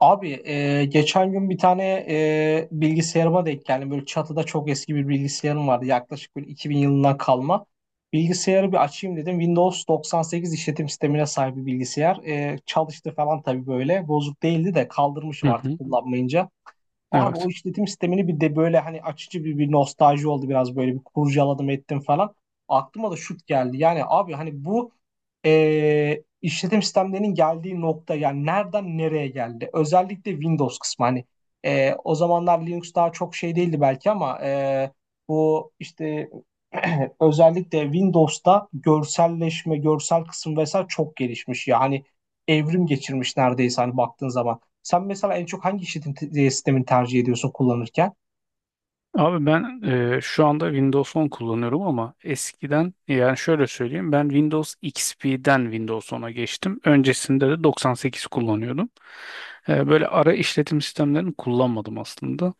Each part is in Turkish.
Abi geçen gün bir tane bilgisayarıma denk geldim. Böyle çatıda çok eski bir bilgisayarım vardı. Yaklaşık böyle 2000 yılından kalma. Bilgisayarı bir açayım dedim. Windows 98 işletim sistemine sahip bir bilgisayar. Çalıştı falan tabii böyle. Bozuk değildi de Hı kaldırmışım artık hı. kullanmayınca. Abi o Evet. işletim sistemini bir de böyle hani açıcı bir nostalji oldu biraz böyle bir kurcaladım ettim falan. Aklıma da şut geldi. Yani abi hani bu işletim sistemlerinin geldiği nokta yani nereden nereye geldi? Özellikle Windows kısmı hani o zamanlar Linux daha çok şey değildi belki ama bu işte özellikle Windows'ta görselleşme, görsel kısım vesaire çok gelişmiş. Yani evrim geçirmiş neredeyse hani baktığın zaman. Sen mesela en çok hangi sistemini tercih ediyorsun kullanırken? Abi ben şu anda Windows 10 kullanıyorum ama eskiden yani şöyle söyleyeyim ben Windows XP'den Windows 10'a geçtim. Öncesinde de 98 kullanıyordum. Böyle ara işletim sistemlerini kullanmadım aslında.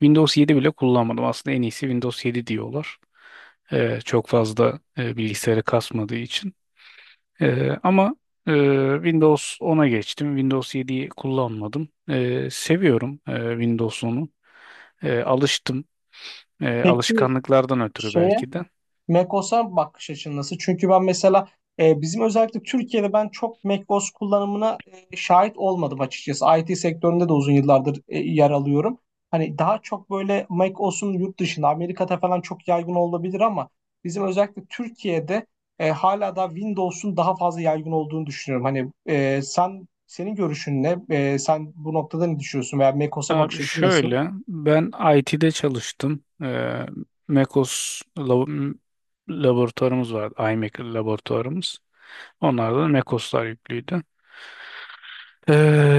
Windows 7 bile kullanmadım. Aslında en iyisi Windows 7 diyorlar. Çok fazla bilgisayarı kasmadığı için. Ama e, Windows 10'a geçtim. Windows 7'yi kullanmadım. Seviyorum Windows 10'u. Alıştım. E, Peki alışkanlıklardan ötürü şeye belki de. macOS'a bakış açın nasıl? Çünkü ben mesela bizim özellikle Türkiye'de ben çok macOS kullanımına şahit olmadım açıkçası. IT sektöründe de uzun yıllardır yer alıyorum. Hani daha çok böyle macOS'un yurt dışında Amerika'da falan çok yaygın olabilir ama bizim özellikle Türkiye'de hala da Windows'un daha fazla yaygın olduğunu düşünüyorum. Hani sen senin görüşün ne? Sen bu noktada ne düşünüyorsun veya macOS'a Abi bakış açın nasıl? şöyle ben IT'de çalıştım. MECOS laboratuvarımız vardı. iMaker laboratuvarımız. Onlarda da MECOS'lar yüklüydü. Ee,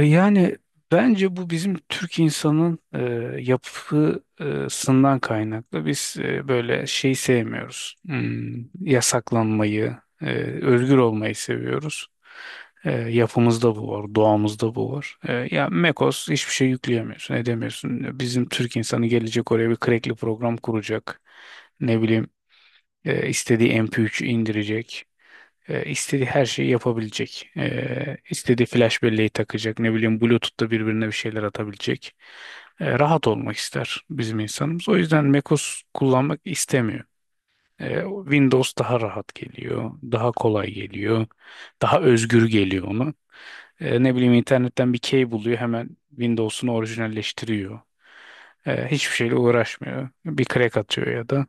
yani bence bu bizim Türk insanın yapısından kaynaklı. Biz böyle şey sevmiyoruz. Yasaklanmayı, özgür olmayı seviyoruz. Yapımızda bu var, doğamızda bu var. Ya Mekos hiçbir şey yükleyemiyorsun, edemiyorsun. Bizim Türk insanı gelecek oraya bir crackli program kuracak. Ne bileyim istediği MP3'ü indirecek. E, istediği her şeyi yapabilecek. E, istediği flash belleği takacak. Ne bileyim Bluetooth'ta birbirine bir şeyler atabilecek. Rahat olmak ister bizim insanımız. O yüzden macOS kullanmak istemiyor. Windows daha rahat geliyor. Daha kolay geliyor. Daha özgür geliyor ona. Ne bileyim internetten bir key buluyor. Hemen Windows'unu orijinalleştiriyor. Hiçbir şeyle uğraşmıyor. Bir crack atıyor ya da.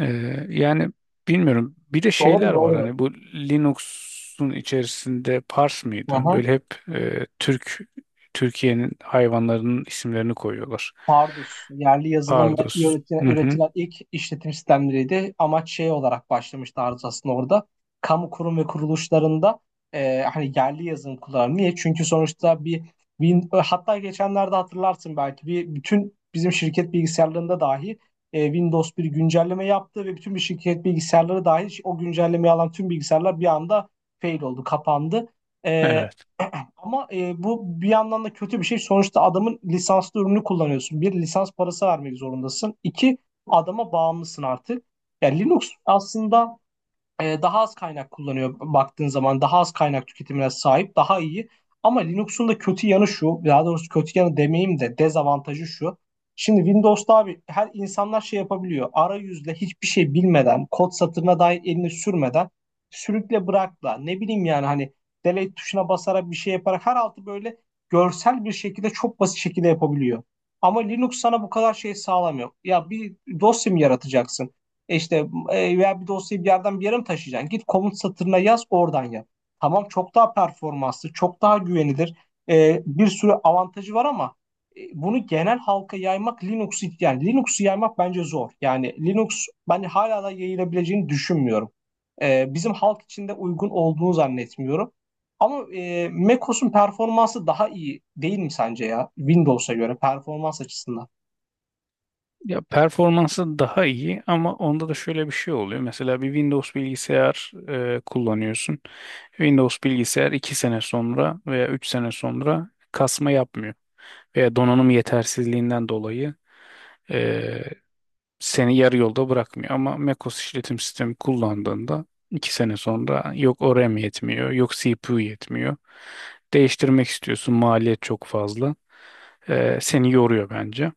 Yani bilmiyorum. Bir de Doğru şeyler var doğru. hani bu Linux'un içerisinde Pars mıydı? Aha. Böyle hep Türkiye'nin hayvanlarının isimlerini koyuyorlar. Pardus, yerli yazılımla Pardus. üretilen, Hı hı. üretilen ilk işletim sistemleriydi. Amaç şey olarak başlamıştı Aruz aslında orada. Kamu kurum ve kuruluşlarında hani yerli yazılım kullanır. Niye? Çünkü sonuçta bir, bin, hatta geçenlerde hatırlarsın belki bir bütün bizim şirket bilgisayarlarında dahi Windows bir güncelleme yaptı ve bütün bir şirket bilgisayarları dahil o güncellemeyi alan tüm bilgisayarlar bir anda fail oldu, kapandı. E, Evet. Ama bu bir yandan da kötü bir şey. Sonuçta adamın lisanslı ürünü kullanıyorsun. Bir, lisans parası vermek zorundasın. İki, adama bağımlısın artık. Yani Linux aslında daha az kaynak kullanıyor baktığın zaman daha az kaynak tüketimine sahip daha iyi. Ama Linux'un da kötü yanı şu, daha doğrusu kötü yanı demeyeyim de dezavantajı şu. Şimdi Windows'ta abi her insanlar şey yapabiliyor arayüzle hiçbir şey bilmeden kod satırına dair elini sürmeden sürükle bırakla ne bileyim yani hani delete tuşuna basarak bir şey yaparak her altı böyle görsel bir şekilde çok basit şekilde yapabiliyor. Ama Linux sana bu kadar şey sağlamıyor. Ya bir dosya mı yaratacaksın? E İşte veya bir dosyayı bir yerden bir yere mi taşıyacaksın? Git komut satırına yaz oradan yap. Tamam çok daha performanslı, çok daha güvenilir. Bir sürü avantajı var ama bunu genel halka yaymak Linux'u yani Linux'u yaymak bence zor. Yani Linux ben hala da yayılabileceğini düşünmüyorum. Bizim halk için de uygun olduğunu zannetmiyorum. Ama macOS'un performansı daha iyi değil mi sence ya? Windows'a göre performans açısından. Ya performansı daha iyi ama onda da şöyle bir şey oluyor. Mesela bir Windows bilgisayar kullanıyorsun. Windows bilgisayar 2 sene sonra veya 3 sene sonra kasma yapmıyor. Veya donanım yetersizliğinden dolayı e, seni yarı yolda bırakmıyor ama macOS işletim sistemi kullandığında 2 sene sonra yok o RAM yetmiyor, yok CPU yetmiyor. Değiştirmek istiyorsun, maliyet çok fazla. Seni yoruyor bence.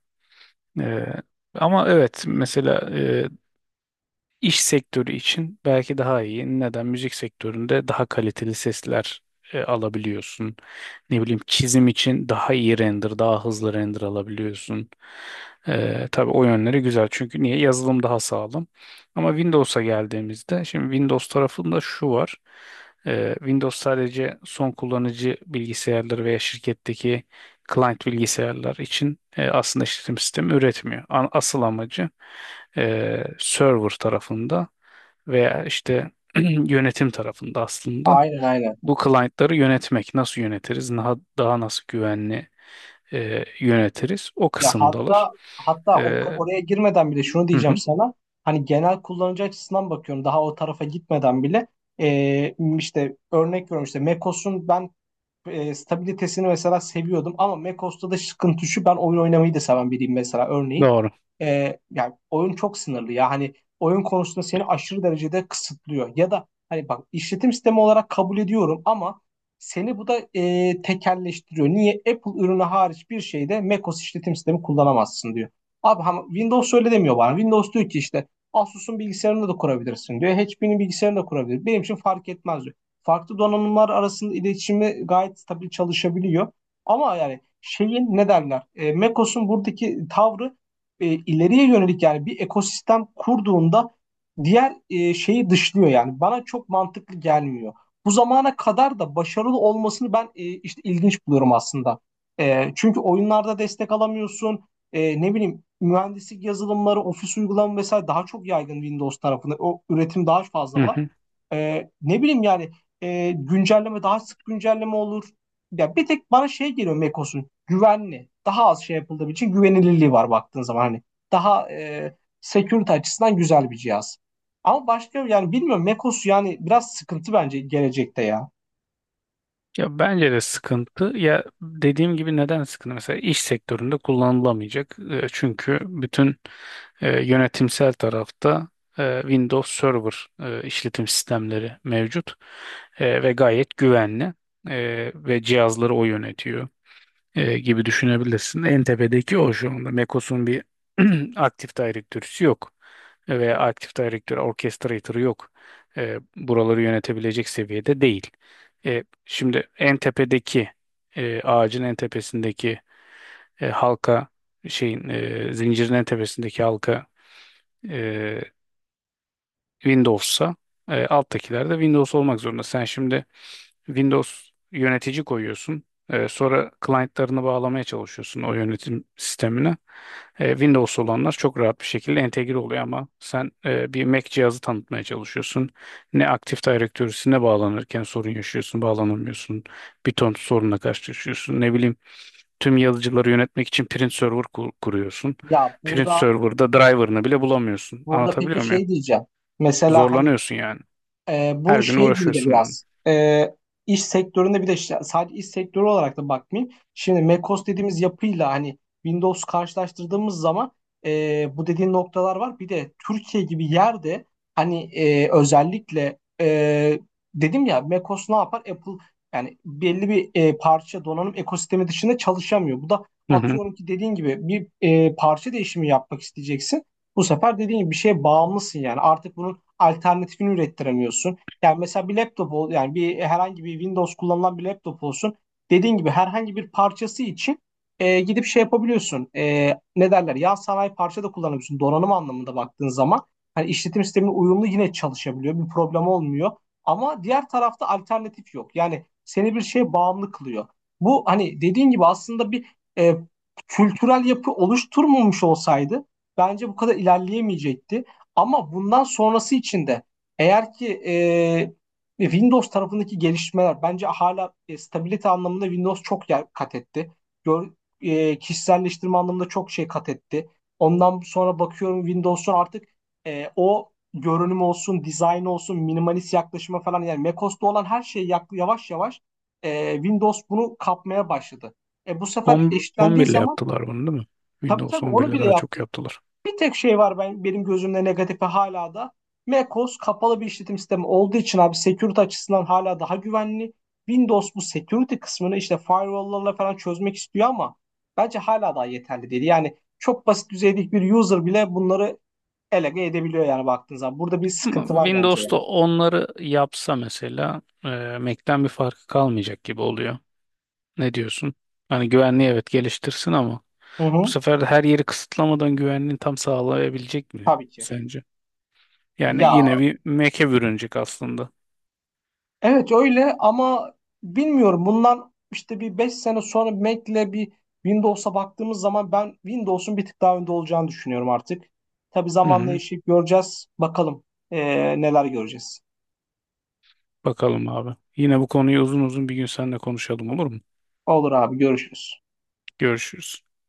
Ee, ama evet mesela İş sektörü için belki daha iyi. Neden? Müzik sektöründe daha kaliteli sesler alabiliyorsun. Ne bileyim çizim için daha iyi render, daha hızlı render alabiliyorsun. Tabii o yönleri güzel. Çünkü niye? Yazılım daha sağlam. Ama Windows'a geldiğimizde, şimdi Windows tarafında şu var. Windows sadece son kullanıcı bilgisayarları veya şirketteki client bilgisayarlar için aslında işletim sistemi üretmiyor. Asıl amacı server tarafında veya işte yönetim tarafında aslında Aynen aynen. bu client'ları yönetmek. Nasıl yönetiriz? Daha nasıl güvenli yönetiriz? O Ya kısımdalar. hatta hatta E, oraya girmeden bile şunu hı diyeceğim hı, sana. Hani genel kullanıcı açısından bakıyorum daha o tarafa gitmeden bile işte örnek veriyorum işte macOS'un ben stabilitesini mesela seviyordum ama macOS'ta da sıkıntı şu, ben oyun oynamayı da seven biriyim mesela örneğin. doğru. Yani oyun çok sınırlı ya hani oyun konusunda seni aşırı derecede kısıtlıyor ya da hani bak işletim sistemi olarak kabul ediyorum ama seni bu da tekelleştiriyor. Niye? Apple ürünü hariç bir şeyde macOS işletim sistemi kullanamazsın diyor. Abi ama Windows öyle demiyor bana. Windows diyor ki işte Asus'un bilgisayarını da kurabilirsin diyor. HP'nin bilgisayarını da kurabilir. Benim için fark etmez diyor, farklı donanımlar arasında iletişimi gayet stabil çalışabiliyor. Ama yani şeyin ne derler? macOS'un buradaki tavrı ileriye yönelik yani bir ekosistem kurduğunda diğer şeyi dışlıyor yani. Bana çok mantıklı gelmiyor. Bu zamana kadar da başarılı olmasını ben işte ilginç buluyorum aslında. Çünkü oyunlarda destek alamıyorsun. Ne bileyim, mühendislik yazılımları, ofis uygulama vesaire daha çok yaygın Windows tarafında. O üretim daha fazla Hı var. hı. Ne bileyim yani güncelleme daha sık güncelleme olur. Ya bir tek bana şey geliyor, Macos'un güvenli. Daha az şey yapıldığı için güvenilirliği var baktığın zaman hani. Daha security açısından güzel bir cihaz. Ama başka yani bilmiyorum Mekos yani biraz sıkıntı bence gelecekte ya. Ya bence de sıkıntı. Ya dediğim gibi neden sıkıntı? Mesela iş sektöründe kullanılamayacak. Çünkü bütün yönetimsel tarafta Windows Server işletim sistemleri mevcut. Ve gayet güvenli. Ve cihazları o yönetiyor gibi düşünebilirsin. En tepedeki o şu anda. Mekos'un bir aktif direktörüsü yok. Veya aktif direktör, orchestrator'ı yok. Buraları yönetebilecek seviyede değil. Şimdi en tepedeki ağacın en tepesindeki halka şeyin zincirin en tepesindeki halka e, Windows'sa alttakiler de Windows olmak zorunda. Sen şimdi Windows yönetici koyuyorsun. Sonra client'larını bağlamaya çalışıyorsun o yönetim sistemine. Windows olanlar çok rahat bir şekilde entegre oluyor ama sen bir Mac cihazı tanıtmaya çalışıyorsun. Ne Active Directory'sine bağlanırken sorun yaşıyorsun, bağlanamıyorsun. Bir ton sorunla karşılaşıyorsun. Ne bileyim tüm yazıcıları yönetmek için Print Server kuruyorsun. Ya Print burada Server'da driver'ını bile bulamıyorsun. burada peki Anlatabiliyor muyum? şey diyeceğim. Mesela hani Zorlanıyorsun yani. Her bu gün şey gibi de uğraşıyorsun onunla. biraz iş sektöründe bir de işte sadece iş sektörü olarak da bakmayayım. Şimdi macOS dediğimiz yapıyla hani Windows karşılaştırdığımız zaman bu dediğin noktalar var. Bir de Türkiye gibi yerde hani dedim ya macOS ne yapar? Apple yani belli bir parça donanım ekosistemi dışında çalışamıyor. Bu da Hı hı. atıyorum ki dediğin gibi bir parça değişimi yapmak isteyeceksin. Bu sefer dediğin gibi bir şeye bağımlısın yani. Artık bunun alternatifini ürettiremiyorsun. Yani mesela yani bir herhangi bir Windows kullanılan bir laptop olsun. Dediğin gibi herhangi bir parçası için gidip şey yapabiliyorsun. Ne derler? Yan sanayi parça da kullanabiliyorsun donanım anlamında baktığın zaman. Hani işletim sistemine uyumlu yine çalışabiliyor. Bir problem olmuyor. Ama diğer tarafta alternatif yok. Yani seni bir şeye bağımlı kılıyor. Bu hani dediğin gibi aslında bir e, kültürel yapı oluşturmamış olsaydı bence bu kadar ilerleyemeyecekti. Ama bundan sonrası için de eğer ki Windows tarafındaki gelişmeler bence hala stabilite anlamında Windows çok yer kat etti. Gör, kişiselleştirme anlamında çok şey kat etti. Ondan sonra bakıyorum Windows'un artık o görünüm olsun, dizayn olsun, minimalist yaklaşıma falan yani macOS'ta olan her şey yavaş yavaş Windows bunu kapmaya başladı. Bu sefer 10, eşitlendiği 11 ile zaman yaptılar bunu değil mi? tabii Windows tabii 11 onu ile bile daha yap, çok yaptılar. bir tek şey var ben benim gözümde negatife hala da. macOS kapalı bir işletim sistemi olduğu için abi security açısından hala daha güvenli. Windows bu security kısmını işte firewall'larla falan çözmek istiyor ama bence hala daha yeterli değil. Yani çok basit düzeydeki bir user bile bunları elege edebiliyor yani baktığın zaman. Burada bir Ama sıkıntı var bence yani. Windows'ta onları yapsa mesela Mac'ten bir farkı kalmayacak gibi oluyor. Ne diyorsun? Hani güvenliği evet geliştirsin ama Hı bu hı, sefer de her yeri kısıtlamadan güvenliğini tam sağlayabilecek mi tabii ki. sence? Yani yine Ya bir Mac'e bürünecek aslında. evet öyle ama bilmiyorum bundan işte bir 5 sene sonra Mac'le bir Windows'a baktığımız zaman ben Windows'un bir tık daha önde olacağını düşünüyorum artık. Tabii Hı zamanla hı. yaşayıp göreceğiz. Bakalım neler göreceğiz. Bakalım abi. Yine bu konuyu uzun uzun bir gün seninle konuşalım olur mu? Olur abi, görüşürüz. Görüşürüz.